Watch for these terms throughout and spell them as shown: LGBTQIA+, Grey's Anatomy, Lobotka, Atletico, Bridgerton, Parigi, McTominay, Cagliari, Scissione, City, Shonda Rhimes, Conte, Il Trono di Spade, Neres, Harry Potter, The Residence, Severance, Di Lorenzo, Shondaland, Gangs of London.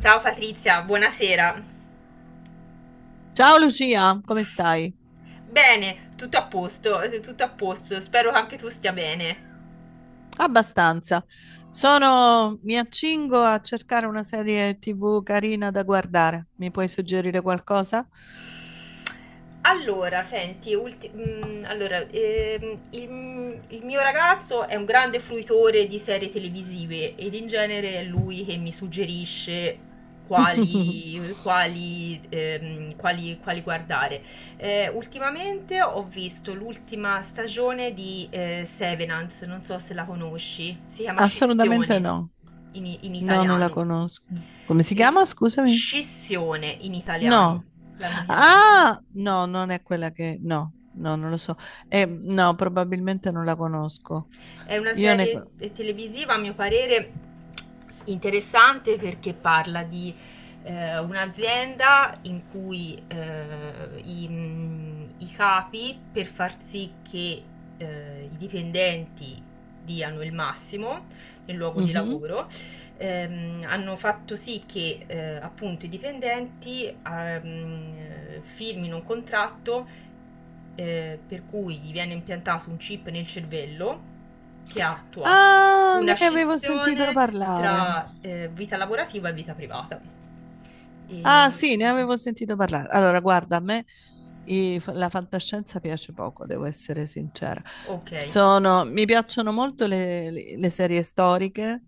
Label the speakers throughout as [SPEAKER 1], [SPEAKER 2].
[SPEAKER 1] Ciao Patrizia, buonasera.
[SPEAKER 2] Ciao Lucia, come stai?
[SPEAKER 1] Bene, tutto a posto, tutto a posto. Spero che anche tu stia bene.
[SPEAKER 2] Abbastanza. Mi accingo a cercare una serie TV carina da guardare. Mi puoi suggerire qualcosa?
[SPEAKER 1] Allora, senti, il mio ragazzo è un grande fruitore di serie televisive ed in genere è lui che mi suggerisce quali guardare. Ultimamente ho visto l'ultima stagione di Severance, non so se la conosci, si chiama
[SPEAKER 2] Assolutamente
[SPEAKER 1] Scissione
[SPEAKER 2] no.
[SPEAKER 1] in
[SPEAKER 2] No, non la
[SPEAKER 1] italiano.
[SPEAKER 2] conosco. Come si chiama?
[SPEAKER 1] Eh,
[SPEAKER 2] Scusami.
[SPEAKER 1] Scissione in italiano
[SPEAKER 2] No.
[SPEAKER 1] l'hanno chiamata.
[SPEAKER 2] Ah, no, non è quella No, no, non lo so. No, probabilmente non la conosco.
[SPEAKER 1] È una
[SPEAKER 2] Io ne...
[SPEAKER 1] serie televisiva, a mio parere, interessante perché parla di un'azienda in cui i capi, per far sì che i dipendenti diano il massimo nel luogo di
[SPEAKER 2] Mhm.
[SPEAKER 1] lavoro, hanno fatto sì che appunto i dipendenti firmino un contratto per cui gli viene impiantato un chip nel cervello che attua
[SPEAKER 2] Ah,
[SPEAKER 1] una
[SPEAKER 2] ne avevo sentito
[SPEAKER 1] scissione
[SPEAKER 2] parlare.
[SPEAKER 1] tra vita lavorativa e vita privata.
[SPEAKER 2] Ah,
[SPEAKER 1] E...
[SPEAKER 2] sì, ne avevo sentito parlare. Allora, guarda, a me la fantascienza piace poco, devo essere sincera.
[SPEAKER 1] Ok.
[SPEAKER 2] Mi piacciono molto le serie storiche,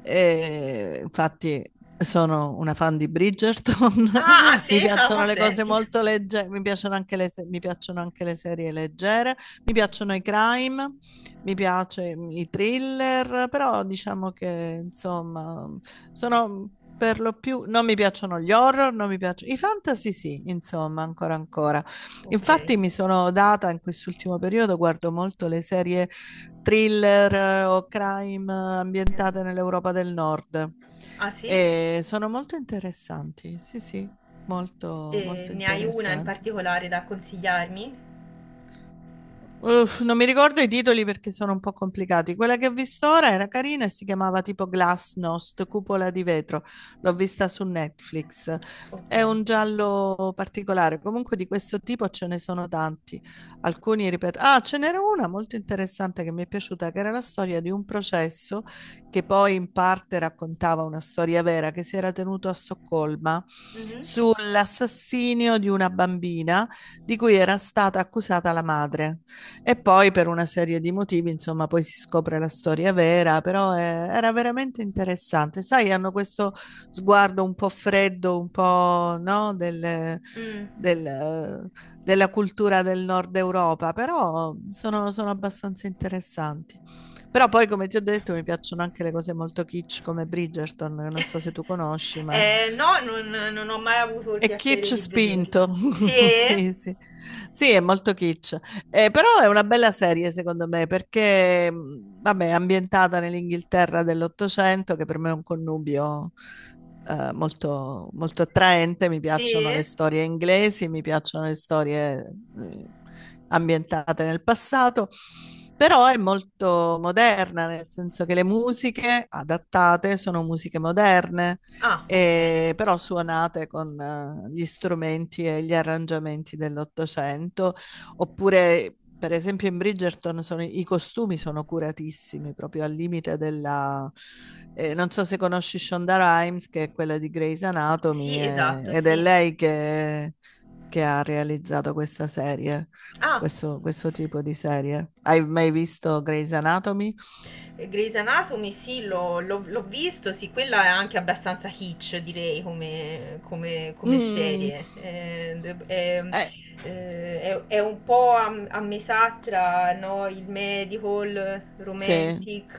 [SPEAKER 2] e infatti sono una fan di Bridgerton.
[SPEAKER 1] Ah, ah,
[SPEAKER 2] Mi
[SPEAKER 1] sì? Ah,
[SPEAKER 2] piacciono
[SPEAKER 1] ma
[SPEAKER 2] le cose
[SPEAKER 1] senti.
[SPEAKER 2] molto leggere, mi piacciono anche le se- mi piacciono anche le serie leggere, mi piacciono i crime, mi piace i thriller, però diciamo che insomma sono per lo più, non mi piacciono gli horror, non mi piacciono i fantasy, sì, insomma, ancora ancora.
[SPEAKER 1] Ok.
[SPEAKER 2] Infatti mi sono data in quest'ultimo periodo, guardo molto le serie thriller o crime ambientate nell'Europa del Nord
[SPEAKER 1] Ah sì?
[SPEAKER 2] e sono molto interessanti, sì, sì, molto
[SPEAKER 1] E
[SPEAKER 2] molto
[SPEAKER 1] ne hai una in
[SPEAKER 2] interessanti.
[SPEAKER 1] particolare da consigliarmi?
[SPEAKER 2] Uff, non mi ricordo i titoli perché sono un po' complicati. Quella che ho visto ora era carina e si chiamava tipo Glasnost, cupola di vetro. L'ho vista su Netflix.
[SPEAKER 1] Ok.
[SPEAKER 2] È un giallo particolare. Comunque di questo tipo ce ne sono tanti. Alcuni, ripeto, ah, ce n'era una molto interessante che mi è piaciuta, che era la storia di un processo che poi in parte raccontava una storia vera che si era tenuto a Stoccolma
[SPEAKER 1] Mhm.
[SPEAKER 2] sull'assassinio di una bambina di cui era stata accusata la madre. E poi per una serie di motivi, insomma, poi si scopre la storia vera, però era veramente interessante. Sai, hanno questo sguardo un po' freddo, un po', no,
[SPEAKER 1] Mm.
[SPEAKER 2] del, eh, della cultura del nord Europa, però sono, sono abbastanza interessanti. Però poi, come ti ho detto, mi piacciono anche le cose molto kitsch come Bridgerton, non so se tu conosci, ma
[SPEAKER 1] No, non ho mai avuto il
[SPEAKER 2] è
[SPEAKER 1] piacere
[SPEAKER 2] kitsch
[SPEAKER 1] di vederla.
[SPEAKER 2] spinto,
[SPEAKER 1] Sì?
[SPEAKER 2] sì, sì, sì, è molto kitsch. Però è una bella serie secondo me perché, vabbè, è ambientata nell'Inghilterra dell'Ottocento, che per me è un connubio molto, molto attraente, mi
[SPEAKER 1] Sì?
[SPEAKER 2] piacciono le storie inglesi, mi piacciono le storie eh, ambientate nel passato, però è molto moderna, nel senso che le musiche adattate sono musiche moderne
[SPEAKER 1] Ah, ok.
[SPEAKER 2] però suonate con gli strumenti e gli arrangiamenti dell'Ottocento, oppure per esempio in Bridgerton i costumi sono curatissimi, proprio al limite non so se conosci Shonda Rhimes, che è quella di Grey's Anatomy,
[SPEAKER 1] Sì, esatto,
[SPEAKER 2] ed è
[SPEAKER 1] sì.
[SPEAKER 2] lei che ha realizzato questa serie,
[SPEAKER 1] Ah,
[SPEAKER 2] questo tipo di serie. Hai mai visto Grey's Anatomy?
[SPEAKER 1] Grey's Anatomy, sì, l'ho visto, sì, quella è anche abbastanza hitch, direi, come
[SPEAKER 2] Mm,
[SPEAKER 1] serie. È,
[SPEAKER 2] eh,
[SPEAKER 1] è un po' a, a metà tra, no, il medical,
[SPEAKER 2] sì.
[SPEAKER 1] romantic,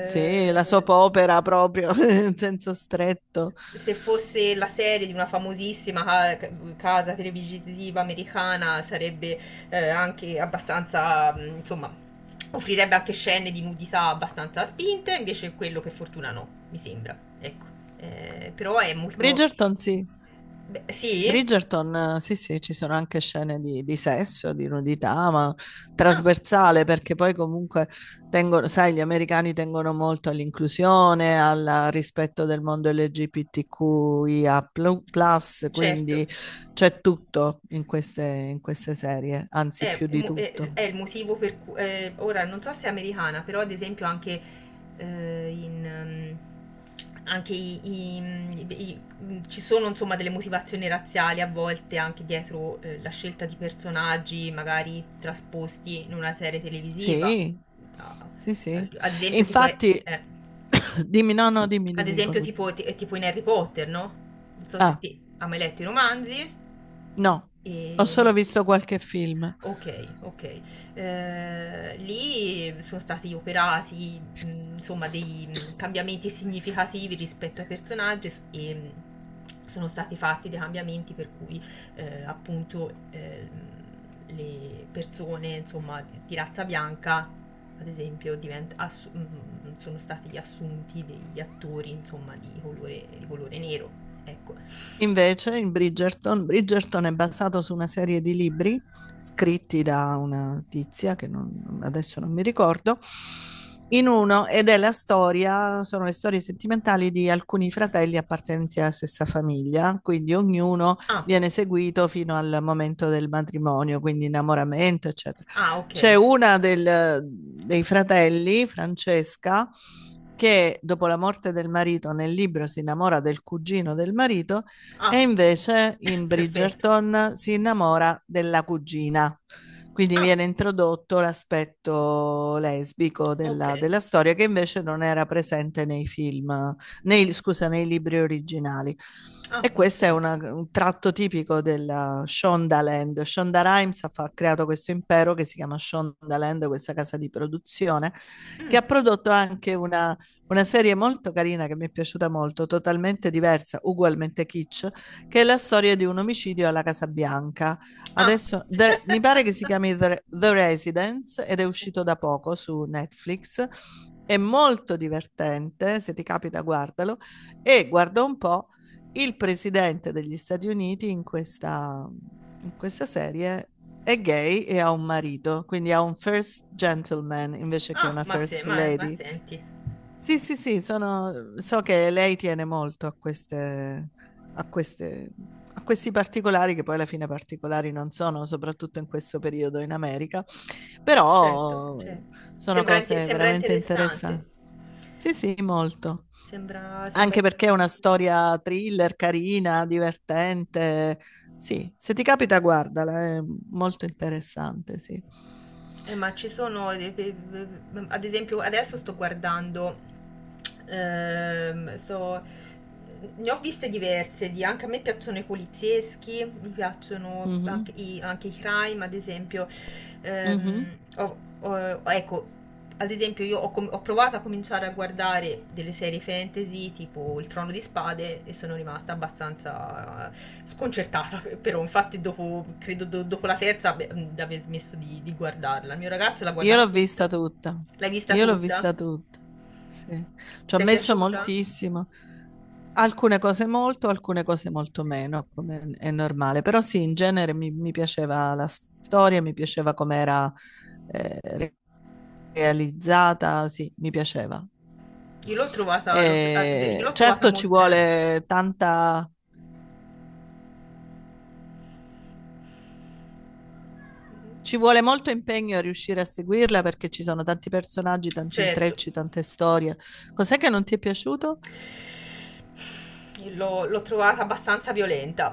[SPEAKER 2] Sì, la soap opera proprio, in senso stretto.
[SPEAKER 1] se fosse la serie di una famosissima ca- casa televisiva americana sarebbe anche abbastanza, insomma, offrirebbe anche scene di nudità abbastanza spinte, invece quello per fortuna no, mi sembra. Ecco. Però è molto...
[SPEAKER 2] Bridgerton, sì.
[SPEAKER 1] Beh, sì?
[SPEAKER 2] Bridgerton, sì, sì, ci sono anche scene di sesso, di nudità, ma
[SPEAKER 1] Ah,
[SPEAKER 2] trasversale, perché poi comunque tengono, sai, gli americani tengono molto all'inclusione, al rispetto del mondo LGBTQIA+,
[SPEAKER 1] certo.
[SPEAKER 2] quindi c'è tutto in queste serie, anzi
[SPEAKER 1] È,
[SPEAKER 2] più di tutto.
[SPEAKER 1] è il motivo per cui ora non so se è americana, però ad esempio anche in anche ci sono insomma delle motivazioni razziali a volte anche dietro la scelta di personaggi magari trasposti in una serie televisiva.
[SPEAKER 2] Sì,
[SPEAKER 1] Da-
[SPEAKER 2] sì, sì.
[SPEAKER 1] Ad esempio tipo,
[SPEAKER 2] Infatti, dimmi, no, no, dimmi,
[SPEAKER 1] ad
[SPEAKER 2] dimmi. Che poi
[SPEAKER 1] esempio
[SPEAKER 2] continu-
[SPEAKER 1] tipo in Harry Potter, no? Non so se
[SPEAKER 2] Ah,
[SPEAKER 1] ti, hai mai letto i romanzi.
[SPEAKER 2] no,
[SPEAKER 1] E
[SPEAKER 2] ho solo
[SPEAKER 1] non-
[SPEAKER 2] visto qualche film.
[SPEAKER 1] Ok, ok. Lì sono stati operati, insomma, dei cambiamenti significativi rispetto ai personaggi sono stati fatti dei cambiamenti per cui appunto le persone, insomma, di razza bianca, ad esempio, sono stati assunti degli attori, insomma, di colore nero. Ecco.
[SPEAKER 2] Invece, in Bridgerton, Bridgerton è basato su una serie di libri scritti da una tizia che non- adesso non mi ricordo, in uno, ed è la storia, sono le storie sentimentali di alcuni fratelli appartenenti alla stessa famiglia, quindi ognuno
[SPEAKER 1] Ah,
[SPEAKER 2] viene seguito fino al momento del matrimonio, quindi innamoramento, eccetera.
[SPEAKER 1] ah,
[SPEAKER 2] C'è
[SPEAKER 1] ok.
[SPEAKER 2] una dei fratelli, Francesca, che dopo la morte del marito nel libro si innamora del cugino del marito e
[SPEAKER 1] Ah,
[SPEAKER 2] invece in
[SPEAKER 1] perfetto.
[SPEAKER 2] Bridgerton si innamora della cugina. Quindi
[SPEAKER 1] Ah,
[SPEAKER 2] viene introdotto l'aspetto lesbico della,
[SPEAKER 1] okay.
[SPEAKER 2] della storia che invece non era presente nei film, nei, scusa, nei libri originali.
[SPEAKER 1] Ah,
[SPEAKER 2] E
[SPEAKER 1] ma
[SPEAKER 2] questo è
[SPEAKER 1] senti.
[SPEAKER 2] un tratto tipico della Shondaland. Shonda Rhimes ha creato questo impero che si chiama Shondaland, questa casa di produzione, che
[SPEAKER 1] Mh.
[SPEAKER 2] ha prodotto anche una serie molto carina che mi è piaciuta molto, totalmente diversa, ugualmente kitsch, che è la storia di un omicidio alla Casa Bianca.
[SPEAKER 1] Ah.
[SPEAKER 2] Adesso mi pare che si chiami The Residence ed è uscito
[SPEAKER 1] Okay.
[SPEAKER 2] da poco su Netflix. È molto divertente, se ti capita guardalo. E guarda un po', il presidente degli Stati Uniti in questa serie è gay e ha un marito, quindi ha un first gentleman invece che
[SPEAKER 1] Ah,
[SPEAKER 2] una
[SPEAKER 1] ma se
[SPEAKER 2] first
[SPEAKER 1] ma ma
[SPEAKER 2] lady.
[SPEAKER 1] senti.
[SPEAKER 2] Sì, sì, sì, so che lei tiene molto a queste- a questi particolari, che poi alla fine particolari non sono, soprattutto in questo periodo in America,
[SPEAKER 1] Certo,
[SPEAKER 2] però
[SPEAKER 1] certo.
[SPEAKER 2] sono
[SPEAKER 1] Sembra inte
[SPEAKER 2] cose
[SPEAKER 1] sembra
[SPEAKER 2] veramente
[SPEAKER 1] interessante.
[SPEAKER 2] interessanti. Sì, sì, molto.
[SPEAKER 1] Sembra sembra
[SPEAKER 2] Anche perché è una
[SPEAKER 1] interessan
[SPEAKER 2] storia thriller, carina, divertente. Sì, se ti capita, guardala, è molto interessante, sì.
[SPEAKER 1] Ma ci sono, ad esempio, adesso sto guardando, ehm, sto- ne ho viste diverse, di- anche a me piacciono i polizieschi, mi piacciono
[SPEAKER 2] Mhm,
[SPEAKER 1] anche anche i crime, ad esempio.
[SPEAKER 2] mhm.
[SPEAKER 1] Ecco, ad esempio, io ho, ho provato a cominciare a guardare delle serie fantasy tipo Il Trono di Spade e sono rimasta abbastanza sconcertata. Però, infatti, dopo, credo dopo la terza beh, di aver smesso di guardarla. Il mio ragazzo l'ha
[SPEAKER 2] Io
[SPEAKER 1] guardata
[SPEAKER 2] l'ho vista
[SPEAKER 1] tutta.
[SPEAKER 2] tutta,
[SPEAKER 1] L'hai vista
[SPEAKER 2] io l'ho vista
[SPEAKER 1] tutta?
[SPEAKER 2] tutta, sì. Ci ho
[SPEAKER 1] Ti è
[SPEAKER 2] messo
[SPEAKER 1] piaciuta?
[SPEAKER 2] moltissimo, alcune cose molto meno, come è normale, però sì, in genere mi, mi piaceva la storia, mi piaceva com'era eh, re- realizzata, sì, mi piaceva.
[SPEAKER 1] Io l'ho trovata, ah, beh, io
[SPEAKER 2] E
[SPEAKER 1] l'ho trovata
[SPEAKER 2] certo ci
[SPEAKER 1] molto.
[SPEAKER 2] vuole tanta, ci vuole molto impegno a riuscire a seguirla perché ci sono tanti personaggi, tanti
[SPEAKER 1] Certo,
[SPEAKER 2] intrecci, tante storie. Cos'è che non ti è piaciuto?
[SPEAKER 1] l'ho trovata abbastanza violenta.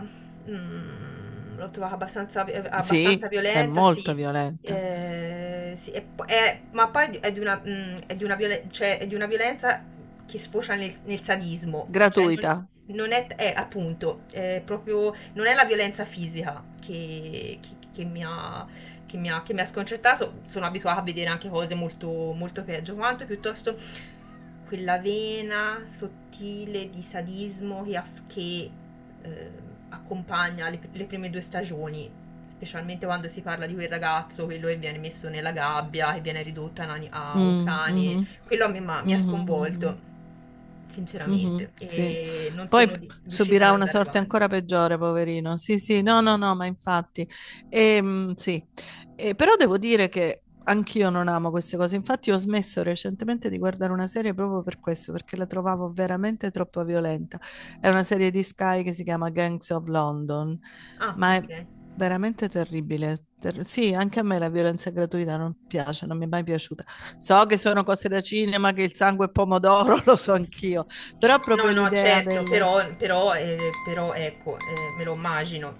[SPEAKER 1] Mm, l'ho trovata abbastanza
[SPEAKER 2] Sì, è
[SPEAKER 1] violenta,
[SPEAKER 2] molto
[SPEAKER 1] sì.
[SPEAKER 2] violenta.
[SPEAKER 1] Sì, ma poi è di una, mm, è di una violen- cioè, è di una violenza che sfocia nel, nel sadismo. Cioè,
[SPEAKER 2] Gratuita.
[SPEAKER 1] non è, è, appunto, è proprio, non è la violenza fisica che mi ha, che mi ha sconcertato. Sono abituata a vedere anche cose molto, molto peggio. Quanto piuttosto quella vena sottile di sadismo che, eh, accompagna le prime due stagioni, specialmente quando si parla di quel ragazzo, quello che viene messo nella gabbia, che viene ridotto a, a un
[SPEAKER 2] Mm,
[SPEAKER 1] cane,
[SPEAKER 2] mhm,
[SPEAKER 1] quello mi ha
[SPEAKER 2] mhm, mhm.
[SPEAKER 1] sconvolto,
[SPEAKER 2] Mhm,
[SPEAKER 1] sinceramente,
[SPEAKER 2] sì.
[SPEAKER 1] e non
[SPEAKER 2] Poi
[SPEAKER 1] sono riuscita ad
[SPEAKER 2] subirà una
[SPEAKER 1] andare
[SPEAKER 2] sorte ancora
[SPEAKER 1] avanti.
[SPEAKER 2] peggiore, poverino. Sì, sì, no, no, no, ma infatti. Sì. Però devo dire che anch'io non amo queste cose. Infatti ho smesso recentemente di guardare una serie proprio per questo, perché la trovavo veramente troppo violenta. È una serie di Sky che si chiama Gangs of London,
[SPEAKER 1] Ah,
[SPEAKER 2] ma
[SPEAKER 1] ok.
[SPEAKER 2] è veramente terribile. Sì, anche a me la violenza gratuita non piace, non mi è mai piaciuta. So che sono cose da cinema, che il sangue è pomodoro, lo so anch'io, però
[SPEAKER 1] No,
[SPEAKER 2] proprio
[SPEAKER 1] no, certo, però, però ecco, me lo immagino.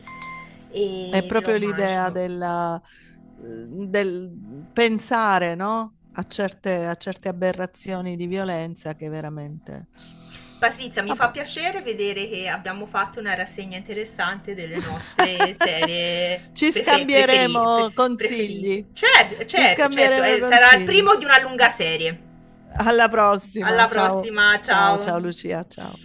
[SPEAKER 2] è
[SPEAKER 1] E me lo
[SPEAKER 2] proprio l'idea
[SPEAKER 1] immagino.
[SPEAKER 2] del pensare, no? A certe aberrazioni di violenza che veramente.
[SPEAKER 1] Patrizia, mi fa
[SPEAKER 2] Vabbè.
[SPEAKER 1] piacere vedere che abbiamo fatto una rassegna interessante delle nostre serie
[SPEAKER 2] Ci scambieremo
[SPEAKER 1] preferite.
[SPEAKER 2] consigli.
[SPEAKER 1] Certo,
[SPEAKER 2] Ci
[SPEAKER 1] certo, certo,
[SPEAKER 2] scambieremo
[SPEAKER 1] sarà il
[SPEAKER 2] consigli.
[SPEAKER 1] primo di una lunga serie.
[SPEAKER 2] Alla prossima.
[SPEAKER 1] Alla
[SPEAKER 2] Ciao,
[SPEAKER 1] prossima,
[SPEAKER 2] ciao,
[SPEAKER 1] ciao.
[SPEAKER 2] ciao Lucia, ciao.